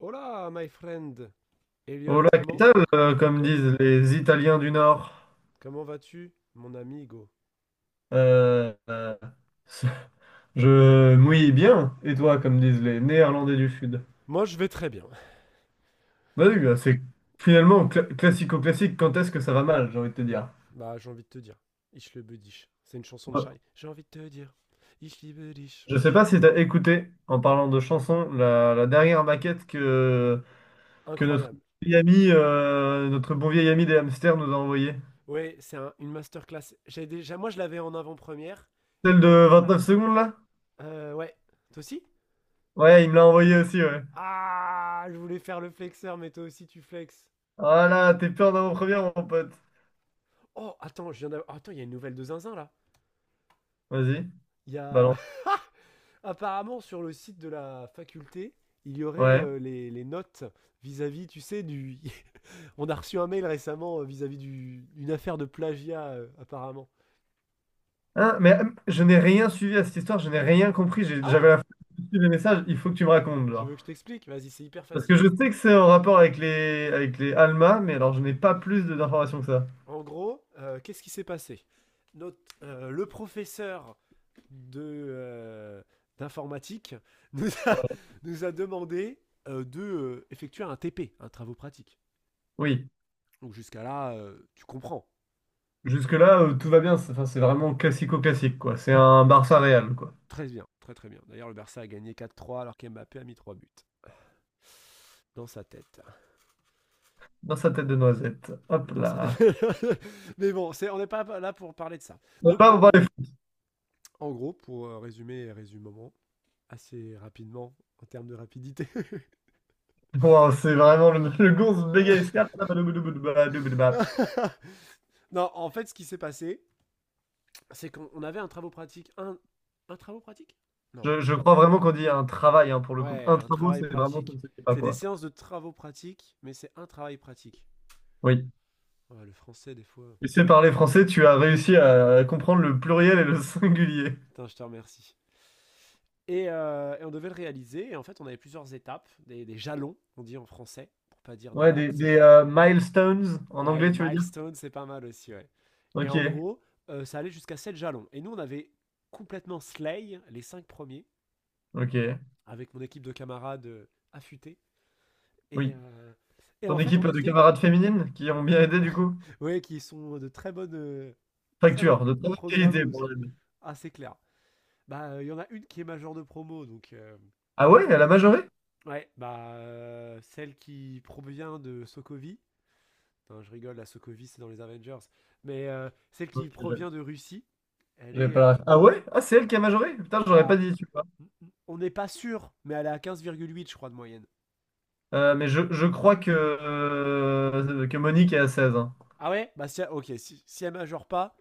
Hola, my friend. Hola, Elliot, ¿qué tal? Comme co- disent les Italiens du Nord. comment vas-tu, mon ami Hugo? Euh, euh, je mouille bien. Et toi, comme disent les Néerlandais du Sud. Moi, je vais très bien. Bah oui, Donc, bah c'est finalement classico-classique. Quand est-ce que ça va mal, j'ai envie de te dire. bah, j'ai envie de te dire. Ich liebe dich. C'est une chanson de Bah, Shai. J'ai envie de te dire. Ich liebe dich. je sais pas si t'as écouté, en parlant de chansons, la dernière maquette que notre Incroyable. vieil ami, notre bon vieil ami des hamsters nous a envoyée. Ouais, c'est une masterclass. J'ai déjà, moi, je l'avais en avant-première. Celle Me- de 29 secondes, là? Ouais. Toi aussi? Ouais, il me l'a envoyée aussi, ouais. Ah, je voulais faire le flexeur, mais toi aussi, tu flexes. Voilà, t'es peur d'avant-première, mon pote. Oh, attends, je viens d'avoir. Attends, il y a une nouvelle de Zinzin là. Vas-y. Il y a. Balance. Apparemment, sur le site de la faculté, il y aurait Ouais. Les notes vis-à-vis, tu sais, du. On a reçu un mail récemment vis-à-vis d'une affaire de plagiat, apparemment. Hein, mais je n'ai rien suivi à cette histoire, je n'ai rien compris. Ah ouais. J'avais la flemme de suivre les messages, il faut que tu me racontes, Tu veux genre. que je t'explique? Vas-y, c'est hyper Parce que facile. je sais que c'est en rapport avec les Alma, mais alors je n'ai pas plus d'informations que ça. En gros, qu'est-ce qui s'est passé? Le professeur de d'informatique nous a, Ouais. nous a demandé de effectuer un TP, un travaux pratique. Oui, Donc jusqu'à là, tu comprends. jusque-là, tout va bien. C'est enfin, c'est vraiment classico-classique, quoi. C'est un Barça Real, quoi. Très bien, très très bien. D'ailleurs, le Barça a gagné 4-3 alors qu'Mbappé a mis 3 buts. Dans sa tête. Dans sa tête de noisette. Hop Dans sa tête. là. Mais bon, on n'est pas là pour parler de ça. On va Donc pas en parler gros, foot. Pour résumer, résumement, assez rapidement en termes de rapidité. Wow, c'est vraiment le gonze bégaye escarpe. Non, en fait, ce qui s'est passé, c'est qu'on avait un travail pratique. Un travaux pratique. Non. Je crois vraiment qu'on dit un travail, hein, pour le coup. Ouais, Un un travail, travail c'est vraiment ça pratique. ne se fait pas, C'est des quoi. séances de travaux pratiques, mais c'est un travail pratique. Oui. Ouais, le français, des fois. Tu sais parler français, tu as réussi à comprendre le pluriel et le singulier. Putain, je te remercie. Et on devait le réaliser. Et en fait, on avait plusieurs étapes, des jalons, on dit en français, pour pas dire des Ouais, labs. des milestones en Ouais, des anglais, tu veux dire? milestones, c'est pas mal aussi, ouais. Et Ok, en gros, ça allait jusqu'à 7 jalons. Et nous, on avait complètement slay les 5 premiers, ok, avec mon équipe de camarades affûtés. Et, oui. euh, et en Ton fait, on équipe de était, camarades féminines qui ont bien aidé du coup? ouais, qui sont de très bonnes Facture, de très bonne qualité programmeuses. Ah, c'est clair. Bah, il y en a une qui est majeure de promo, donc Ah ouais, elle a majoré? ouais, bah celle qui provient de Sokovie. Non, je rigole, la Sokovie, c'est dans les Avengers. Mais celle qui Ok, provient de Russie, elle j'avais est. pas ref. Ah ouais? Ah, c'est elle qui a majoré? Putain, j'aurais pas bah. dit, tu vois. On n'est pas sûr, mais elle est à 15,8, je crois, de moyenne. Mais je crois que Monique est à 16, hein. Ah ouais. Bah, si, ok, si elle majeure pas,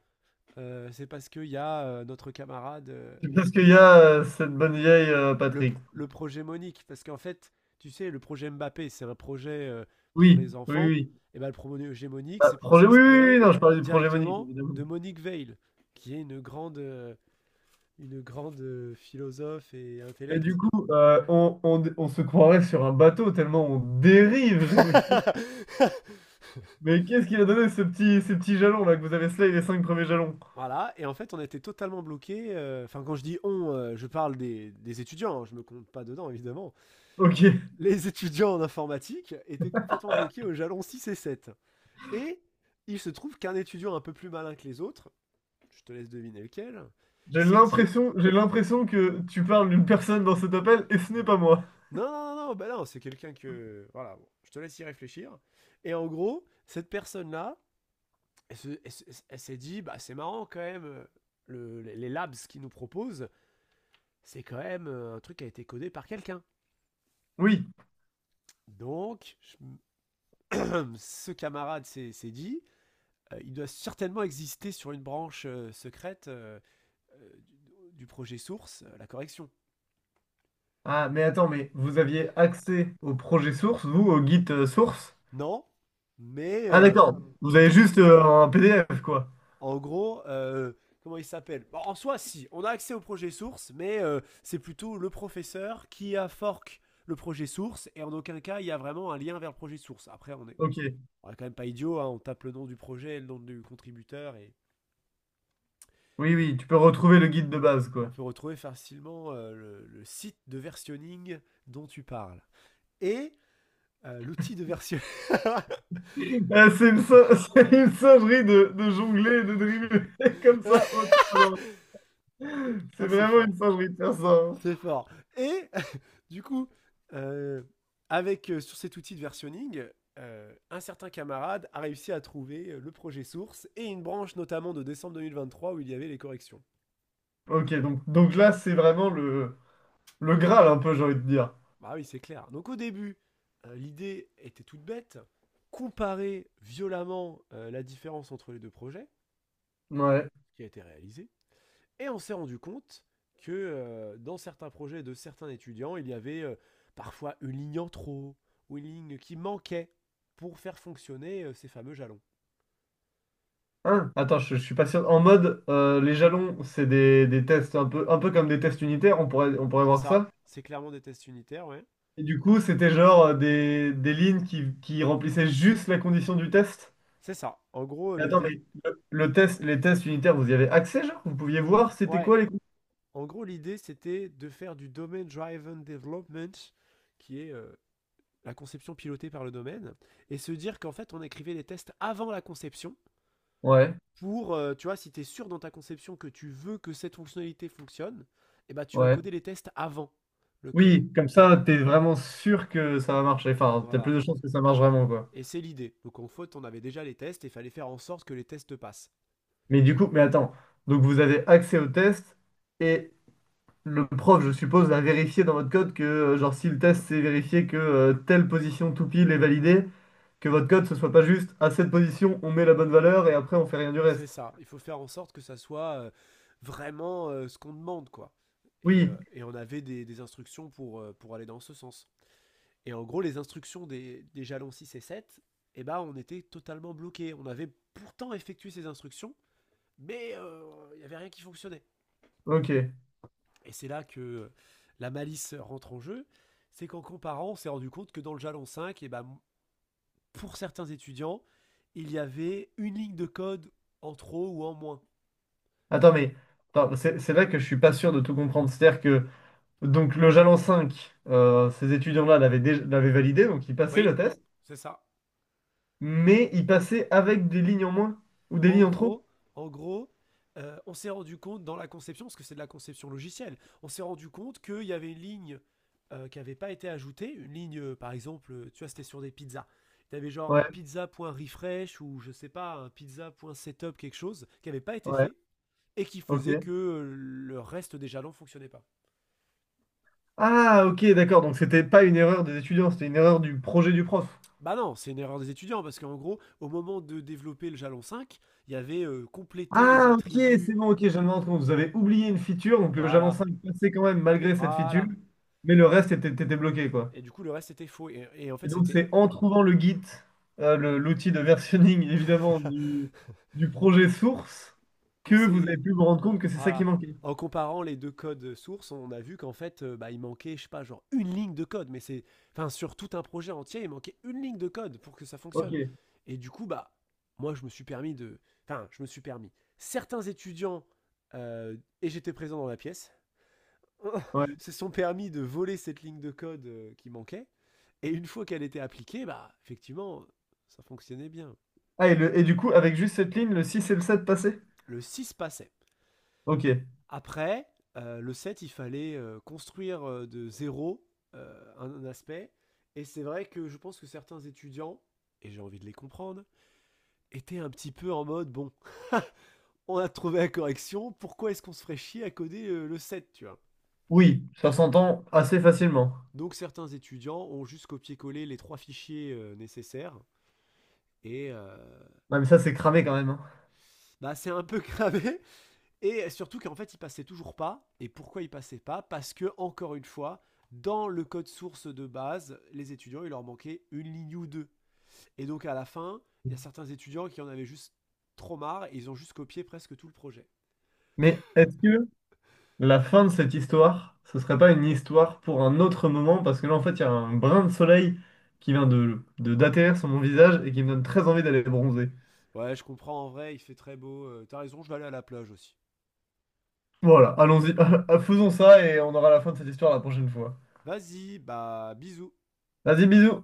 c'est parce qu'il y a notre camarade, C'est parce qu'il y a cette bonne le, vieille le- Patrick. le projet Monique. Parce qu'en fait, tu sais, le projet Mbappé, c'est un projet pour Oui, les oui, enfants. oui. Et bah, le projet Monique, Ah, c'est pour projet, oui, oui, oui, s'inspirer non, je parlais du projet Monique, directement évidemment. de Monique Veil, qui est une grande philosophe et Mais du intellect. coup, on se croirait sur un bateau tellement on dérive, j'ai envie de dire. Mais qu'est-ce qu'il a donné ces petits jalons là que vous avez slay les cinq premiers jalons? Voilà, et en fait, on était totalement bloqué. Enfin, quand je dis on, je parle des étudiants, hein, je me compte pas dedans, évidemment. Ok. Euh, les étudiants en informatique étaient complètement bloqués au jalon 6 et 7. Et il se trouve qu'un étudiant un peu plus malin que les autres, je te laisse deviner lequel, s'est dit. J'ai l'impression que tu parles d'une personne dans cet appel et ce n'est pas moi. Non, non, non, non, bah non, c'est quelqu'un que. Voilà, bon, je te laisse y réfléchir. Et en gros, cette personne-là, elle s'est dit, bah c'est marrant quand même, les labs qu'ils nous proposent, c'est quand même un truc qui a été codé par quelqu'un. Oui. Donc, ce camarade s'est dit, il doit certainement exister sur une branche secrète, du projet source, la correction. Ah, mais attends, mais vous aviez accès au projet source, vous, au guide source? Non, mais Ah d'accord. Vous avez peut-être. juste un PDF, quoi. En gros, comment il s'appelle? Bon, en soi, si, on a accès au projet source, mais c'est plutôt le professeur qui a fork le projet source, et en aucun cas, il y a vraiment un lien vers le projet source. Après, on est, Ok. on est quand même pas idiot, hein, on tape le nom du projet, le nom du contributeur, et, Oui, et on, oui, tu peux retrouver le guide de base, on quoi. peut retrouver facilement le site de versionning dont tu parles. Et l'outil de version... C'est une singerie de jongler et de dribbler comme ça autant. Non, Ah, c'est c'est vraiment une fort. singerie de faire ça, hein. C'est fort. Et du coup, euh, avec sur cet outil de versionning, un certain camarade a réussi à trouver le projet source et une branche notamment de décembre 2023 où il y avait les corrections. Ok, donc là, c'est vraiment le Graal, un peu, j'ai envie de dire. Bah oui, c'est clair. Donc au début, l'idée était toute bête, comparer violemment la différence entre les deux projets Ouais. qui a été réalisé, et on s'est rendu compte que dans certains projets de certains étudiants, il y avait parfois une ligne en trop ou une ligne qui manquait pour faire fonctionner ces fameux jalons. Hein, attends, je suis pas sûr. En mode, les jalons, c'est des tests un peu comme des tests unitaires, on pourrait C'est voir ça. ça. C'est clairement des tests unitaires, ouais. Et du coup, c'était genre des lignes qui remplissaient juste la condition du test. C'est ça. En gros, Mais le attends, DD... mais le test, les tests unitaires, vous y avez accès, genre? Vous pouviez voir c'était Ouais. quoi les. En gros, l'idée, c'était de faire du Domain Driven Development, qui est la conception pilotée par le domaine, et se dire qu'en fait, on écrivait les tests avant la conception, Ouais, pour, tu vois, si tu es sûr dans ta conception que tu veux que cette fonctionnalité fonctionne, eh ben, tu vas ouais. coder les tests avant le code. Oui, comme ça, t'es vraiment sûr que ça va marcher. Enfin, t'as Voilà. plus de chances que ça marche vraiment, quoi. Et c'est l'idée. Donc en faute, on avait déjà les tests et il fallait faire en sorte que les tests passent. Mais du coup, mais attends. Donc, vous avez accès au test et le prof, je suppose, a vérifié dans votre code que, genre, si le test s'est vérifié que telle position tout pile est validée, que votre code ce soit pas juste à cette position, on met la bonne valeur et après on fait rien du C'est reste. ça. Il faut faire en sorte que ça soit vraiment ce qu'on demande, quoi. Et, euh, Oui, et on avait des instructions pour aller dans ce sens. Et en gros, les instructions des jalons 6 et 7, eh ben, on était totalement bloqués. On avait pourtant effectué ces instructions, mais il n'y avait rien qui fonctionnait. ok. Et c'est là que la malice rentre en jeu. C'est qu'en comparant, on s'est rendu compte que dans le jalon 5, eh ben, pour certains étudiants, il y avait une ligne de code en trop ou en moins. Attends, mais attends, c'est là que je suis pas sûr de tout comprendre. C'est-à-dire que donc le jalon 5, ces étudiants-là l'avaient validé, donc ils passaient Oui, le test. c'est ça. Mais il passait avec des lignes en moins ou des En lignes en trop? gros, en gros, on s'est rendu compte dans la conception, parce que c'est de la conception logicielle, on s'est rendu compte qu'il y avait une ligne qui n'avait pas été ajoutée, une ligne, par exemple, tu vois, c'était sur des pizzas. Tu avais genre un Ouais, pizza.refresh ou je sais pas, un pizza.setup, quelque chose, qui n'avait pas été ouais, fait et qui faisait ok. que le reste des jalons ne fonctionnait pas. Ah, ok, d'accord. Donc c'était pas une erreur des étudiants, c'était une erreur du projet du prof. Bah non, c'est une erreur des étudiants, parce qu'en gros, au moment de développer le jalon 5, il y avait complété les Ah, ok, attributs. c'est bon, ok, je viens de me rends compte. Vous avez oublié une feature, donc le Java Voilà, 5 passait quand même malgré cette feature, voilà. mais le reste était bloqué, quoi. Et du coup, le reste était faux. Et en fait, Et donc c'était c'est en trouvant le Git, l'outil de versionning, évidemment, du projet source, quand que vous avez c'est pu vous rendre compte que c'est ça qui voilà. manquait. En comparant les deux codes sources, on a vu qu'en fait, bah, il manquait, je sais pas, genre une ligne de code. Mais c'est, enfin, sur tout un projet entier, il manquait une ligne de code pour que ça Ok, fonctionne. Et du coup, bah, moi, je me suis permis de, enfin, je me suis permis. Certains étudiants euh, et j'étais présent dans la pièce ouais. se sont permis de voler cette ligne de code qui manquait. Et une fois qu'elle était appliquée, bah, effectivement, ça fonctionnait bien. Ah, et, et du coup, avec juste cette ligne, le 6 et le 7 passaient? Le 6 passait. Ok. Après, le set, il fallait construire de zéro un aspect. Et c'est vrai que je pense que certains étudiants, et j'ai envie de les comprendre, étaient un petit peu en mode, bon, on a trouvé la correction, pourquoi est-ce qu'on se ferait chier à coder le set, tu vois? Oui, ça s'entend assez facilement. Donc certains étudiants ont juste copié-collé les trois fichiers nécessaires. Et Ah, mais ça, c'est cramé quand même, hein. bah, c'est un peu cramé. Et surtout qu'en fait, il passait toujours pas. Et pourquoi il passait pas? Parce que, encore une fois, dans le code source de base, les étudiants, il leur manquait une ligne ou deux. Et donc, à la fin, il y a certains étudiants qui en avaient juste trop marre et ils ont juste copié presque tout le projet. Mais est-ce que la fin de cette histoire, ce serait pas une histoire pour un autre moment? Parce que là, en fait, il y a un brin de soleil qui vient d'atterrir sur mon visage et qui me donne très envie d'aller bronzer. Ouais, je comprends, en vrai, il fait très beau. T'as raison, je vais aller à la plage aussi. Voilà, allons-y. Faisons ça et on aura la fin de cette histoire la prochaine fois. Vas-y, bah, bisous. Vas-y, bisous.